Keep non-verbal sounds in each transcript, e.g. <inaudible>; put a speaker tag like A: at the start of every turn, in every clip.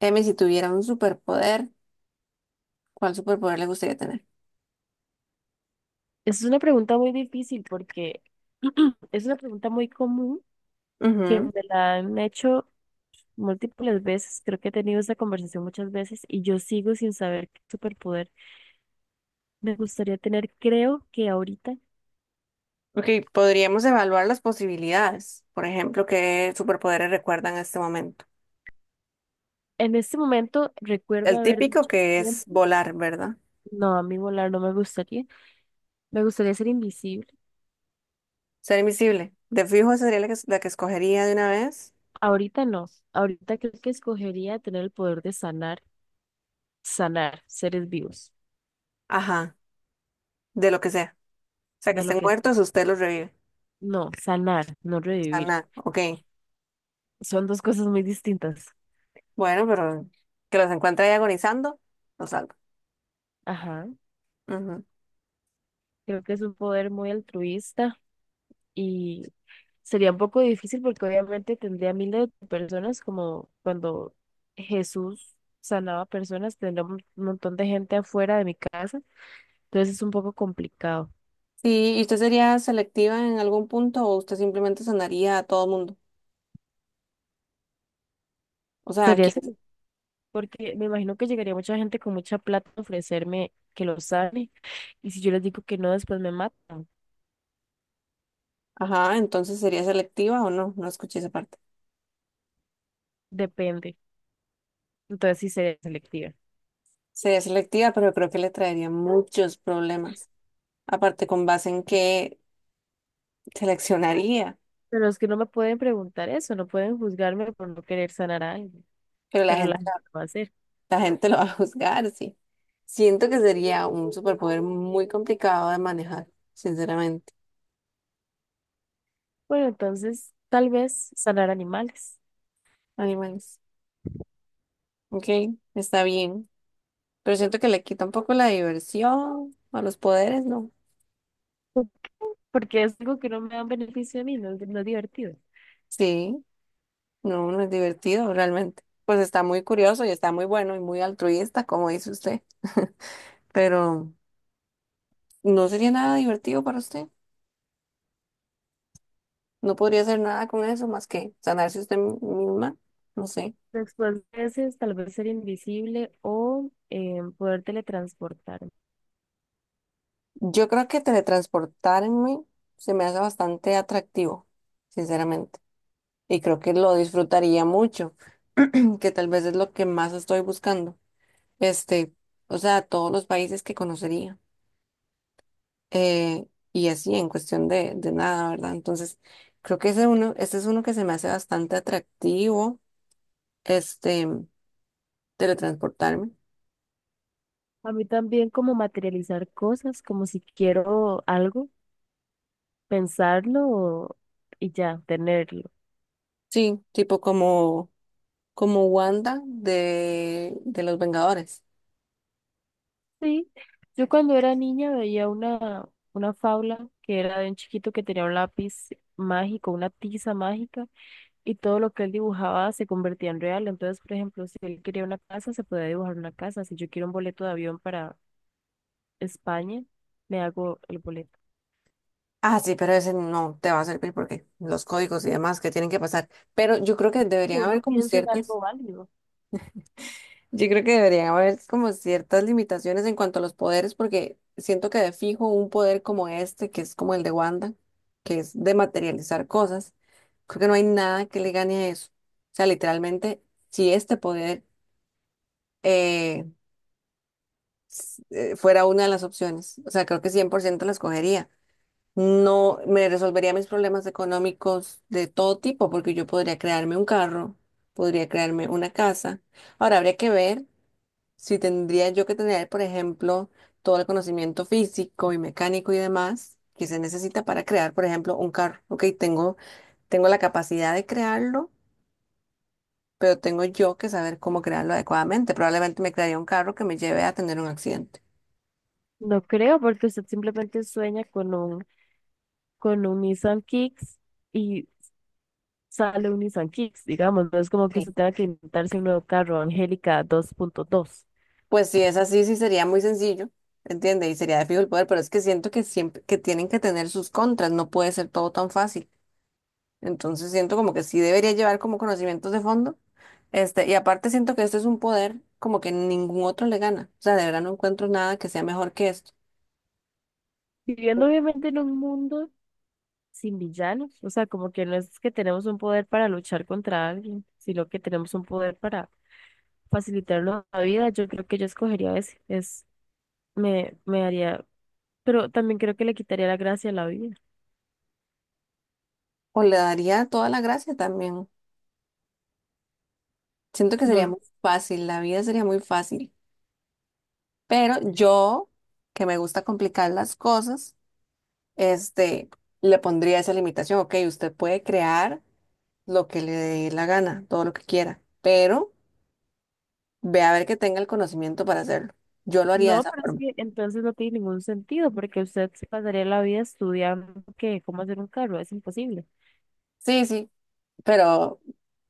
A: Dime, si tuviera un superpoder, ¿cuál superpoder le gustaría tener?
B: Es una pregunta muy difícil porque <clears throat> es una pregunta muy común que me
A: Ujú.
B: la han hecho múltiples veces. Creo que he tenido esta conversación muchas veces y yo sigo sin saber qué superpoder me gustaría tener. Creo que ahorita,
A: Ok, podríamos evaluar las posibilidades. Por ejemplo, ¿qué superpoderes recuerdan en este momento?
B: en este momento, recuerdo
A: El
B: haber
A: típico
B: dicho
A: que es
B: siempre,
A: volar, ¿verdad?
B: no, a mí volar no me gustaría. Me gustaría ser invisible.
A: Ser invisible. De fijo esa sería la que escogería de una vez.
B: Ahorita no. Ahorita creo que escogería tener el poder de sanar, sanar seres vivos,
A: Ajá, de lo que sea. O sea, que
B: de lo
A: estén
B: que es,
A: muertos, usted los revive.
B: no, sanar, no
A: Ah,
B: revivir.
A: nada, ok.
B: Son dos cosas muy distintas.
A: Bueno, pero que los encuentre ahí agonizando, los salva.
B: Ajá.
A: Ujú.
B: Creo que es un poder muy altruista y sería un poco difícil porque obviamente tendría miles de personas como cuando Jesús sanaba personas, tendría un montón de gente afuera de mi casa. Entonces es un poco complicado.
A: Sí, ¿y usted sería selectiva en algún punto o usted simplemente sanaría a todo mundo? O sea, ¿a
B: Sería
A: quién?
B: ese, porque me imagino que llegaría mucha gente con mucha plata a ofrecerme que lo sane y si yo les digo que no, después me matan.
A: Ajá, entonces sería selectiva o no, no escuché esa parte.
B: Depende. Entonces sí sería selectiva.
A: Sería selectiva, pero creo que le traería muchos problemas. Aparte, ¿con base en qué seleccionaría?
B: Pero es que no me pueden preguntar eso, no pueden juzgarme por no querer sanar a alguien,
A: Pero
B: pero la gente lo va a hacer.
A: la gente lo va a juzgar, sí. Siento que sería un superpoder muy complicado de manejar, sinceramente.
B: Bueno, entonces tal vez sanar animales.
A: Animales. Ok, está bien. Pero siento que le quita un poco la diversión a los poderes, ¿no?
B: ¿Por qué? Porque es algo que no me da un beneficio a mí, no, es no es divertido.
A: Sí, no, no es divertido realmente. Pues está muy curioso y está muy bueno y muy altruista, como dice usted, pero no sería nada divertido para usted. No podría hacer nada con eso más que sanarse usted misma. No sé.
B: Después de veces, tal vez ser invisible o poder teletransportarme.
A: Yo creo que teletransportarme se me hace bastante atractivo, sinceramente. Y creo que lo disfrutaría mucho, <clears throat> que tal vez es lo que más estoy buscando. Este, o sea, todos los países que conocería. Eh, y así, en cuestión de nada, ¿verdad? Entonces, creo que ese uno, ese es uno que se me hace bastante atractivo, este, teletransportarme.
B: A mí también como materializar cosas, como si quiero algo, pensarlo y ya, tenerlo.
A: Sí, tipo como, como Wanda de los Vengadores.
B: Sí, yo cuando era niña veía una fábula que era de un chiquito que tenía un lápiz mágico, una tiza mágica, y todo lo que él dibujaba se convertía en real. Entonces, por ejemplo, si él quería una casa, se podía dibujar una casa. Si yo quiero un boleto de avión para España, me hago el boleto.
A: Ah, sí, pero ese no te va a servir porque los códigos y demás que tienen que pasar. Pero yo creo que
B: Que
A: deberían
B: uno
A: haber como
B: piensa en
A: ciertas,
B: algo válido.
A: yo creo que deberían haber como ciertas limitaciones en cuanto a los poderes, porque siento que de fijo un poder como este, que es como el de Wanda, que es de materializar cosas, creo que no hay nada que le gane a eso. O sea, literalmente, si este poder eh, fuera una de las opciones, o sea, creo que 100% la escogería. No me resolvería mis problemas económicos de todo tipo, porque yo podría crearme un carro, podría crearme una casa. Ahora habría que ver si tendría yo que tener, por ejemplo, todo el conocimiento físico y mecánico y demás que se necesita para crear, por ejemplo, un carro. Ok, tengo la capacidad de crearlo, pero tengo yo que saber cómo crearlo adecuadamente. Probablemente me crearía un carro que me lleve a tener un accidente.
B: No creo, porque usted simplemente sueña con un Nissan Kicks y sale un Nissan Kicks, digamos. No es como que
A: Sí.
B: usted tenga que inventarse un nuevo carro, Angélica dos punto dos.
A: Pues si es así, sí sería muy sencillo, ¿entiende? Y sería de fijo el poder, pero es que siento que siempre que tienen que tener sus contras, no puede ser todo tan fácil. Entonces siento como que sí debería llevar como conocimientos de fondo. Este, y aparte siento que esto es un poder como que ningún otro le gana. O sea, de verdad no encuentro nada que sea mejor que esto.
B: Viviendo obviamente en un mundo sin villanos, o sea, como que no es que tenemos un poder para luchar contra alguien, sino que tenemos un poder para facilitarnos la vida, yo creo que yo escogería ese, es, me haría, pero también creo que le quitaría la gracia a la vida,
A: O le daría toda la gracia también. Siento que
B: no
A: sería
B: lo.
A: muy fácil, la vida sería muy fácil. Pero yo, que me gusta complicar las cosas, este, le pondría esa limitación. Ok, usted puede crear lo que le dé la gana, todo lo que quiera, pero ve a ver que tenga el conocimiento para hacerlo. Yo lo haría de
B: No,
A: esa
B: pero es
A: forma.
B: que entonces no tiene ningún sentido, porque usted se pasaría la vida estudiando que cómo hacer un carro, es imposible.
A: Sí, sí, pero,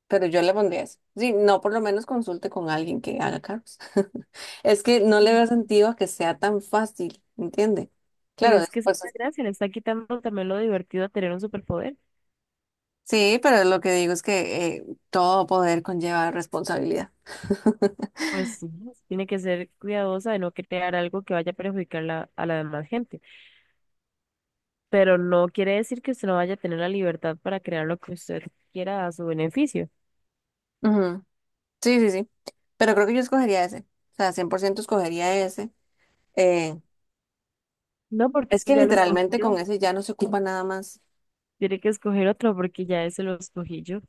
A: pero yo le pondría eso. Sí, no, por lo menos consulte con alguien que haga carros. <laughs> Es que no le
B: Mm.
A: veo sentido a que sea tan fácil, ¿entiende?
B: Pero
A: Claro,
B: es que esa es
A: después.
B: la gracia, le está quitando también lo divertido a tener un superpoder.
A: Sí, pero lo que digo es que todo poder conlleva responsabilidad. <laughs>
B: Pues sí, tiene que ser cuidadosa de no crear algo que vaya a perjudicar a la demás gente, pero no quiere decir que usted no vaya a tener la libertad para crear lo que usted quiera a su beneficio.
A: Ujú. Sí, sí, sí. Pero creo que yo escogería ese. O sea, 100% escogería ese. Eh,
B: No, porque
A: es que
B: ya lo escogí
A: literalmente
B: yo.
A: con ese ya no se ocupa nada más.
B: Tiene que escoger otro porque ya ese lo escogí yo.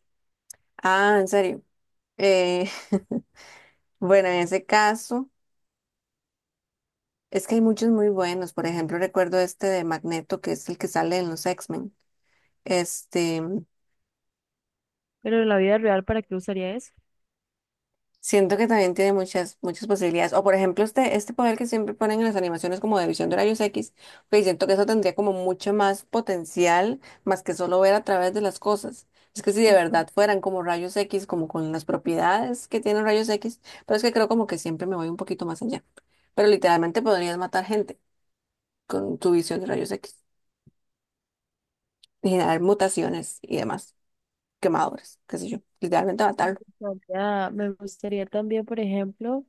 A: Ah, en serio. Eh, <laughs> bueno, en ese caso. Es que hay muchos muy buenos. Por ejemplo, recuerdo este de Magneto, que es el que sale en los X-Men. Este,
B: Pero en la vida real, ¿para qué usaría eso?
A: siento que también tiene muchas, muchas posibilidades. O por ejemplo, este poder que siempre ponen en las animaciones como de visión de rayos X, pues siento que eso tendría como mucho más potencial, más que solo ver a través de las cosas. Es que si de verdad fueran como rayos X, como con las propiedades que tienen rayos X, pero es que creo como que siempre me voy un poquito más allá. Pero literalmente podrías matar gente con tu visión de rayos X, generar mutaciones y demás. Quemadores, qué sé yo, literalmente
B: Me
A: matarlo.
B: me gustaría también, por ejemplo,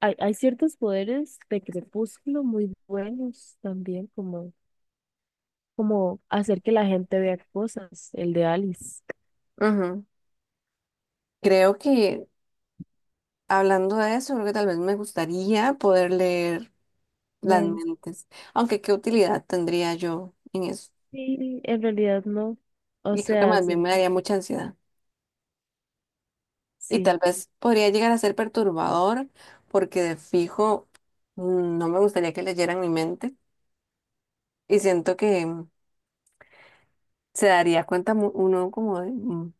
B: hay ciertos poderes de crepúsculo muy buenos también, como, como hacer que la gente vea cosas, el de Alice.
A: Ujú. Creo que hablando de eso, creo que tal vez me gustaría poder leer las
B: Me
A: mentes, aunque qué utilidad tendría yo en eso.
B: sí, en realidad no. O
A: Y creo que
B: sea,
A: más bien me
B: que
A: daría mucha ansiedad. Y
B: sí.
A: tal vez podría llegar a ser perturbador porque de fijo no me gustaría que leyeran mi mente, y siento que se daría cuenta uno como de,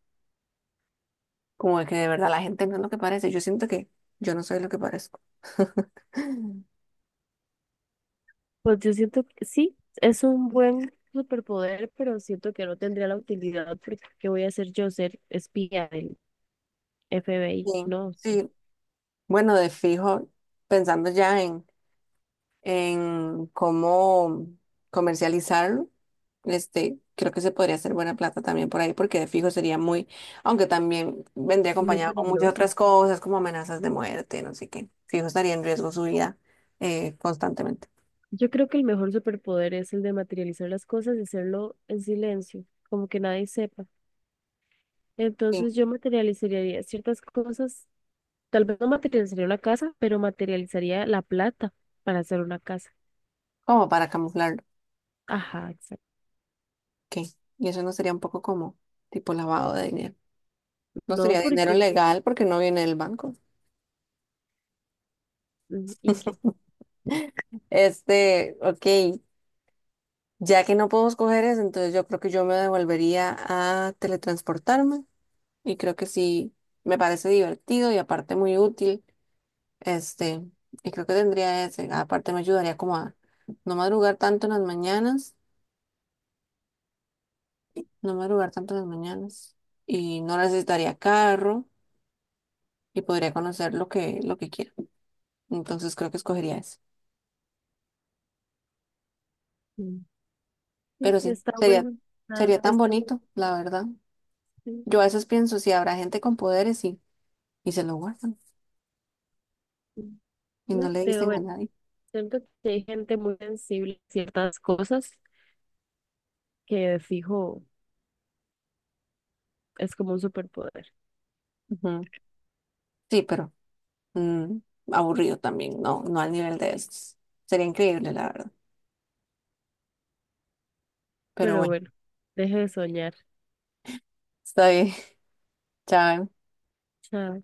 A: como de que de verdad la gente no es lo que parece. Yo siento que yo no soy lo que parezco. <laughs>
B: Pues yo siento que sí, es un buen superpoder, pero siento que no tendría la utilidad porque ¿qué voy a hacer yo ser espía del FBI?
A: Sí,
B: No, es
A: sí. Bueno, de fijo, pensando ya en cómo comercializarlo, este, creo que se podría hacer buena plata también por ahí, porque de fijo sería muy, aunque también vendría
B: muy
A: acompañado con muchas
B: peligroso.
A: otras cosas, como amenazas de muerte, no sé qué. Fijo estaría en riesgo su vida constantemente.
B: Yo creo que el mejor superpoder es el de materializar las cosas y hacerlo en silencio, como que nadie sepa.
A: Sí,
B: Entonces yo materializaría ciertas cosas, tal vez no materializaría una casa, pero materializaría la plata para hacer una casa.
A: como para camuflarlo.
B: Ajá, exacto.
A: ¿Qué? Y eso no sería un poco como tipo lavado de dinero. No
B: No,
A: sería dinero
B: porque
A: legal porque no viene del banco.
B: Mm, ¿y qué?
A: Este, ok. Ya que no puedo escoger eso, entonces yo creo que yo me devolvería a teletransportarme y creo que sí me parece divertido y aparte muy útil. Este, y creo que tendría ese. Aparte me ayudaría como a no madrugar tanto en las mañanas, no madrugar tanto en las mañanas y no necesitaría carro y podría conocer lo que quiera. Entonces creo que escogería eso.
B: Mm. Sí,
A: Pero sí,
B: está
A: sería
B: bueno. Ah,
A: sería tan
B: es como-
A: bonito, la verdad.
B: sí,
A: Yo a veces pienso si habrá gente con poderes y se lo guardan
B: sí.
A: y no
B: No
A: le
B: creo,
A: dicen a
B: bueno,
A: nadie.
B: siento que hay gente muy sensible a ciertas cosas que de fijo es como un superpoder.
A: Ujú. Sí, pero mm, aburrido también, no, no al nivel de estos. Sería increíble, la verdad. Pero
B: Pero
A: bueno,
B: bueno, deje de soñar.
A: está bien. <laughs> Chao.
B: Chao.